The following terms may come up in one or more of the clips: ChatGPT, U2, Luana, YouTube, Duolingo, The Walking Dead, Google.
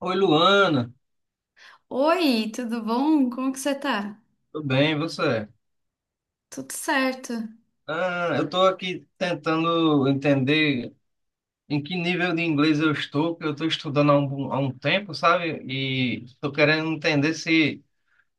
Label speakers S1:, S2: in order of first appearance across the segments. S1: Oi, Luana.
S2: Oi, tudo bom? Como que você tá?
S1: Tudo bem, e você?
S2: Tudo certo.
S1: Ah, eu estou aqui tentando entender em que nível de inglês eu estou, que eu estou estudando há um tempo, sabe? E estou querendo entender se,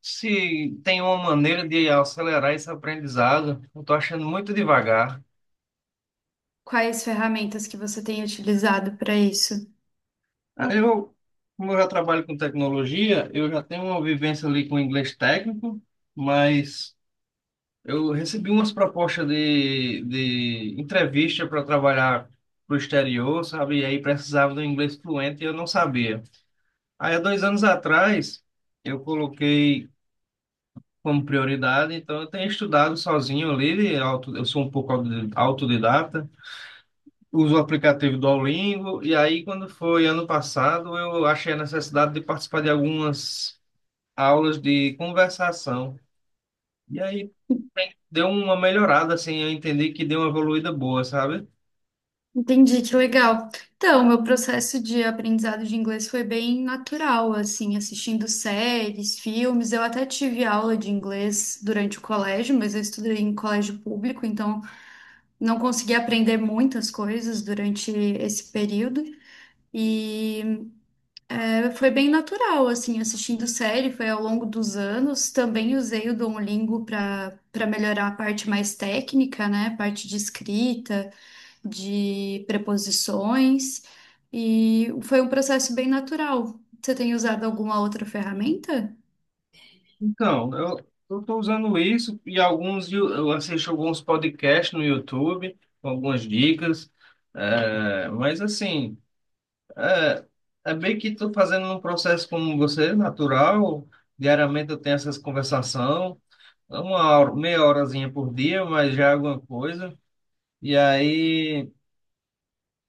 S1: se tem uma maneira de acelerar esse aprendizado. Eu estou achando muito devagar.
S2: Quais ferramentas que você tem utilizado para isso?
S1: Ah, como eu já trabalho com tecnologia, eu já tenho uma vivência ali com inglês técnico, mas. Eu recebi umas propostas de entrevista para trabalhar pro exterior, sabe? E aí precisava do inglês fluente e eu não sabia. Aí há dois anos atrás eu coloquei como prioridade, então eu tenho estudado sozinho ali, eu sou um pouco autodidata, uso o aplicativo do Duolingo, e aí quando foi ano passado eu achei a necessidade de participar de algumas aulas de conversação. E aí deu uma melhorada, assim, eu entendi que deu uma evoluída boa, sabe?
S2: Entendi, que legal. Então, meu processo de aprendizado de inglês foi bem natural, assim, assistindo séries, filmes. Eu até tive aula de inglês durante o colégio, mas eu estudei em colégio público, então não consegui aprender muitas coisas durante esse período. E foi bem natural, assim, assistindo série, foi ao longo dos anos. Também usei o Duolingo para melhorar a parte mais técnica, né? A parte de escrita, de preposições. E foi um processo bem natural. Você tem usado alguma outra ferramenta?
S1: Então, eu estou usando isso e eu assisto alguns podcasts no YouTube, com algumas dicas, mas assim, é, bem que estou fazendo um processo como você, natural. Diariamente eu tenho essas conversação, uma hora, meia horazinha por dia, mas já é alguma coisa. E aí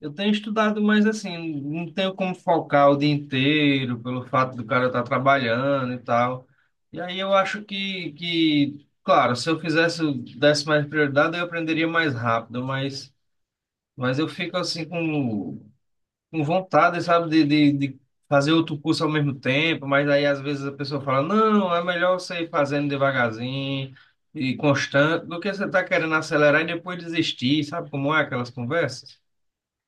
S1: eu tenho estudado, mas assim, não tenho como focar o dia inteiro pelo fato do cara estar trabalhando e tal. E aí eu acho que, claro, se eu fizesse, desse mais prioridade, eu aprenderia mais rápido, mas eu fico assim com vontade, sabe, de fazer outro curso ao mesmo tempo, mas aí às vezes a pessoa fala, não, é melhor você ir fazendo devagarzinho e constante do que você tá querendo acelerar e depois desistir, sabe como é aquelas conversas?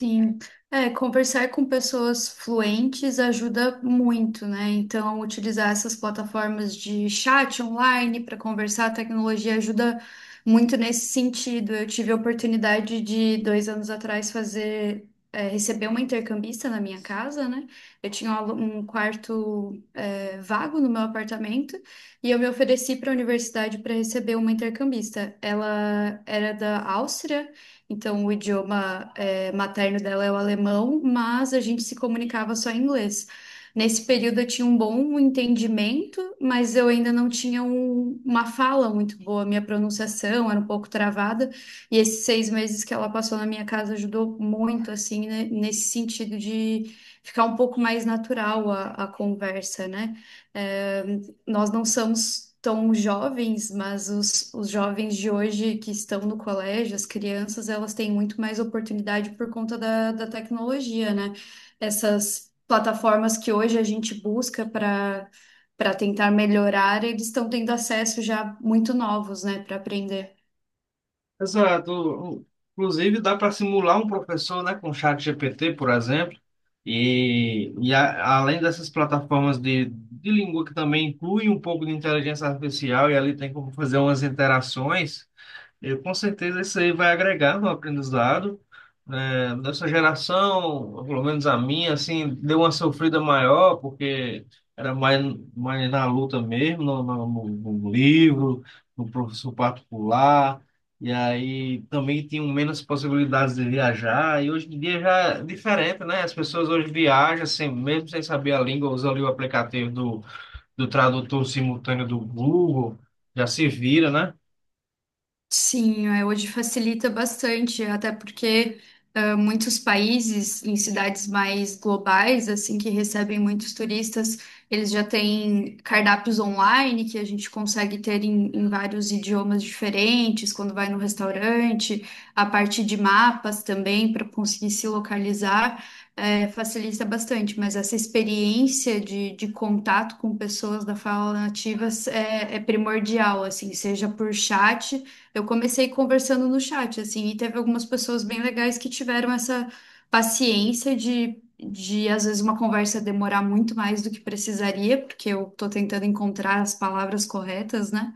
S2: Sim, é, conversar com pessoas fluentes ajuda muito, né? Então, utilizar essas plataformas de chat online para conversar, a tecnologia ajuda muito nesse sentido. Eu tive a oportunidade de, dois anos atrás, fazer, é, receber uma intercambista na minha casa, né? Eu tinha um um quarto vago no meu apartamento e eu me ofereci para a universidade para receber uma intercambista. Ela era da Áustria, então o idioma materno dela é o alemão, mas a gente se comunicava só em inglês. Nesse período eu tinha um bom entendimento, mas eu ainda não tinha uma fala muito boa, minha pronunciação era um pouco travada. E esses 6 meses que ela passou na minha casa ajudou muito, assim, né, nesse sentido de ficar um pouco mais natural a conversa, né? É, nós não somos tão jovens, mas os jovens de hoje que estão no colégio, as crianças, elas têm muito mais oportunidade por conta da tecnologia, né? Essas plataformas que hoje a gente busca para tentar melhorar, eles estão tendo acesso já muito novos, né, para aprender.
S1: Exato. Inclusive, dá para simular um professor, né, com o ChatGPT, por exemplo, e além dessas plataformas de língua que também inclui um pouco de inteligência artificial, e ali tem como fazer umas interações. Eu, com certeza isso aí vai agregar no aprendizado. Né? Nessa geração, pelo menos a minha, assim, deu uma sofrida maior, porque era mais, mais na luta mesmo, no livro, no professor particular, e aí também tinham menos possibilidades de viajar, e hoje em dia já é diferente, né? As pessoas hoje viajam, assim, mesmo sem saber a língua, usam ali o aplicativo do, do tradutor simultâneo do Google, já se vira, né?
S2: Sim, é, hoje facilita bastante, até porque ah, muitos países em cidades mais globais, assim, que recebem muitos turistas, eles já têm cardápios online que a gente consegue ter em vários idiomas diferentes, quando vai no restaurante, a parte de mapas também para conseguir se localizar, facilita bastante, mas essa experiência de contato com pessoas da fala nativa é, é primordial, assim, seja por chat. Eu comecei conversando no chat, assim, e teve algumas pessoas bem legais que tiveram essa paciência de às vezes, uma conversa demorar muito mais do que precisaria, porque eu tô tentando encontrar as palavras corretas, né?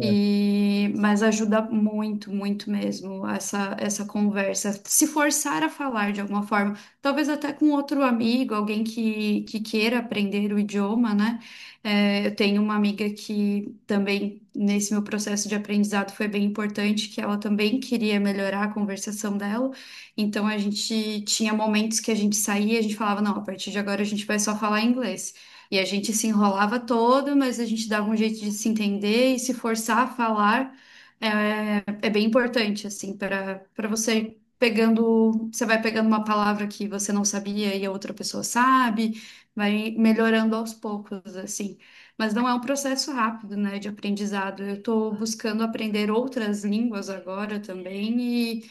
S2: E, mas ajuda muito, muito mesmo essa conversa. Se forçar a falar de alguma forma, talvez até com outro amigo, alguém que queira aprender o idioma, né? É, eu tenho uma amiga que também, nesse meu processo de aprendizado, foi bem importante, que ela também queria melhorar a conversação dela. Então, a gente tinha momentos que a gente saía e a gente falava, não, a partir de agora a gente vai só falar inglês. E a gente se enrolava todo, mas a gente dava um jeito de se entender e se forçar a falar é, é bem importante, assim, para você pegando, você vai pegando uma palavra que você não sabia e a outra pessoa sabe, vai melhorando aos poucos, assim. Mas não é um processo rápido, né, de aprendizado. Eu estou buscando aprender outras línguas agora também e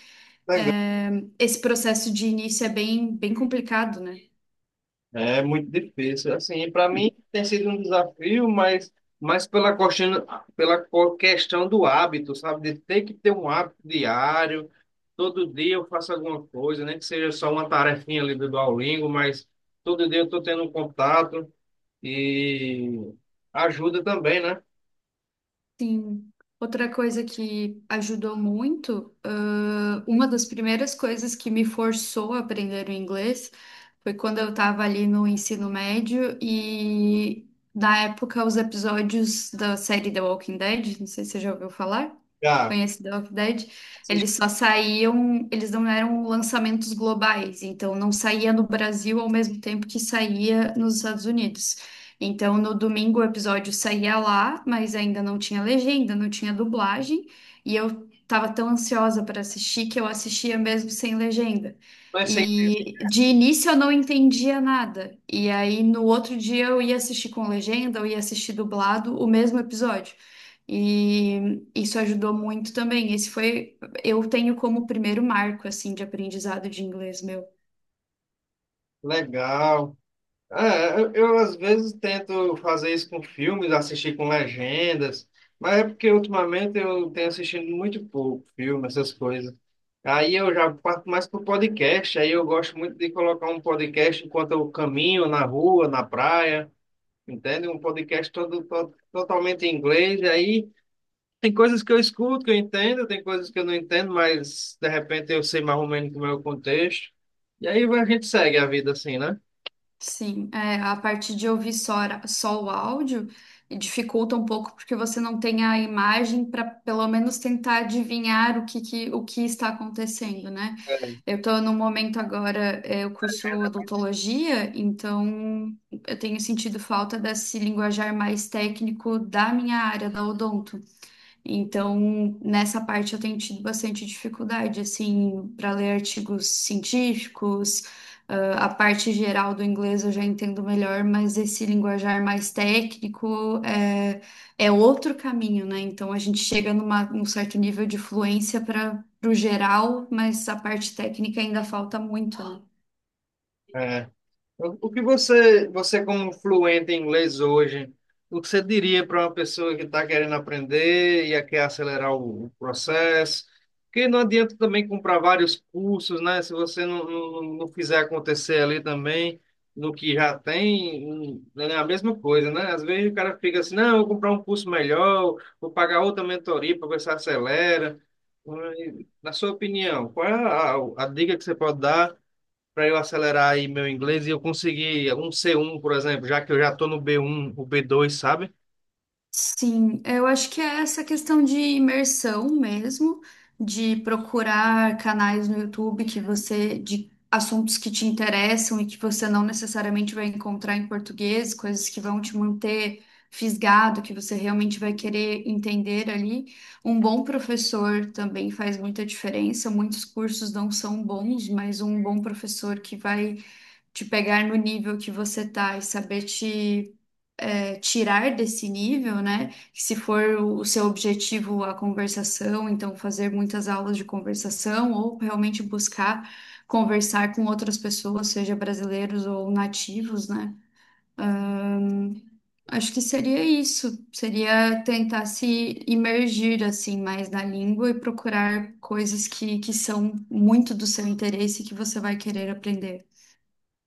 S1: É.
S2: é, esse processo de início é bem, bem complicado, né?
S1: É muito difícil. Assim, para mim tem sido um desafio, mas mais pela questão, pela questão do hábito, sabe? De ter que ter um hábito diário. Todo dia eu faço alguma coisa, nem que seja só uma tarefinha ali do Duolingo, mas todo dia eu estou tendo um contato e ajuda também, né?
S2: Sim. Outra coisa que ajudou muito, uma das primeiras coisas que me forçou a aprender o inglês foi quando eu estava ali no ensino médio e, na época, os episódios da série The Walking Dead, não sei se você já ouviu falar,
S1: Já,
S2: conhece The Walking Dead,
S1: assim,
S2: eles só saíam, eles não eram lançamentos globais, então não saía no Brasil ao mesmo tempo que saía nos Estados Unidos. Então, no domingo o episódio saía lá, mas ainda não tinha legenda, não tinha dublagem, e eu tava tão ansiosa para assistir que eu assistia mesmo sem legenda.
S1: não é sempre
S2: E de início eu não entendia nada. E aí no outro dia eu ia assistir com legenda, eu ia assistir dublado o mesmo episódio. E isso ajudou muito também. Esse foi, eu tenho como primeiro marco assim de aprendizado de inglês meu.
S1: legal. É, eu, às vezes tento fazer isso com filmes, assistir com legendas, mas é porque ultimamente eu tenho assistido muito pouco filme, essas coisas. Aí eu já parto mais pro podcast, aí eu gosto muito de colocar um podcast enquanto eu caminho na rua, na praia, entende? Um podcast todo, totalmente em inglês, e aí tem coisas que eu escuto, que eu entendo, tem coisas que eu não entendo, mas de repente eu sei mais ou menos como é o contexto. E aí a gente segue a vida assim, né?
S2: Sim, é, a parte de ouvir só, só o áudio dificulta um pouco porque você não tem a imagem para pelo menos tentar adivinhar o que, o que está acontecendo, né? Eu estou no momento agora, é, eu curso odontologia, então eu tenho sentido falta desse linguajar mais técnico da minha área, da odonto. Então, nessa parte eu tenho tido bastante dificuldade, assim, para ler artigos científicos. Ah, a parte geral do inglês eu já entendo melhor, mas esse linguajar mais técnico é, é outro caminho, né? Então, a gente chega numa, num certo nível de fluência para o geral, mas a parte técnica ainda falta muito, né?
S1: É. O que você, você como fluente em inglês hoje, o que você diria para uma pessoa que está querendo aprender e quer acelerar o processo? Porque não adianta também comprar vários cursos, né? Se você não fizer acontecer ali também, no que já tem, é a mesma coisa, né? Às vezes o cara fica assim, não, eu vou comprar um curso melhor, vou pagar outra mentoria para ver se acelera. Mas, na sua opinião, qual é a dica que você pode dar? Para eu acelerar aí meu inglês e eu conseguir um C1, por exemplo, já que eu já estou no B1, o B2, sabe?
S2: Sim, eu acho que é essa questão de imersão mesmo, de procurar canais no YouTube que você, de assuntos que te interessam e que você não necessariamente vai encontrar em português, coisas que vão te manter fisgado, que você realmente vai querer entender ali. Um bom professor também faz muita diferença. Muitos cursos não são bons, mas um bom professor que vai te pegar no nível que você tá e saber te tirar desse nível, né? Que se for o seu objetivo a conversação, então fazer muitas aulas de conversação ou realmente buscar conversar com outras pessoas, seja brasileiros ou nativos, né? Acho que seria isso, seria tentar se imergir assim mais na língua e procurar coisas que são muito do seu interesse e que você vai querer aprender.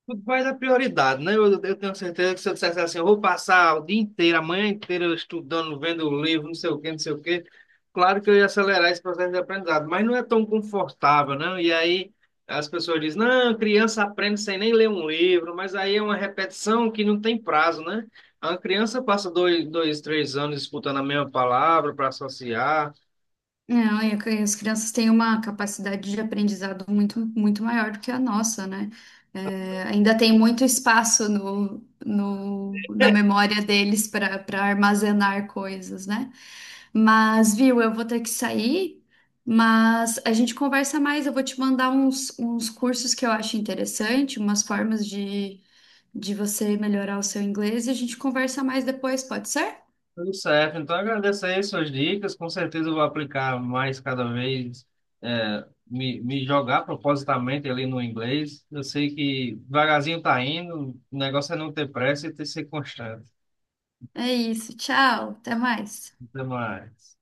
S1: Tudo vai da prioridade, né? Eu tenho certeza que se eu dissesse assim, eu vou passar o dia inteiro, a manhã inteira estudando, vendo livro, não sei o quê, não sei o quê. Claro que eu ia acelerar esse processo de aprendizado, mas não é tão confortável, né? E aí as pessoas dizem, não, criança aprende sem nem ler um livro, mas aí é uma repetição que não tem prazo, né? A criança passa dois, dois, três anos disputando a mesma palavra para associar.
S2: Não, e as crianças têm uma capacidade de aprendizado muito, muito maior do que a nossa, né? É, ainda tem muito espaço no, na memória deles para armazenar coisas, né? Mas, viu, eu vou ter que sair, mas a gente conversa mais. Eu vou te mandar uns, uns cursos que eu acho interessante, umas formas de você melhorar o seu inglês e a gente conversa mais depois, pode ser?
S1: Tudo certo. Então, agradeço aí suas dicas. Com certeza eu vou aplicar mais cada vez, me jogar propositalmente ali no inglês. Eu sei que devagarzinho tá indo, o negócio é não ter pressa e ter ser constante.
S2: É isso, tchau, até mais.
S1: Até mais.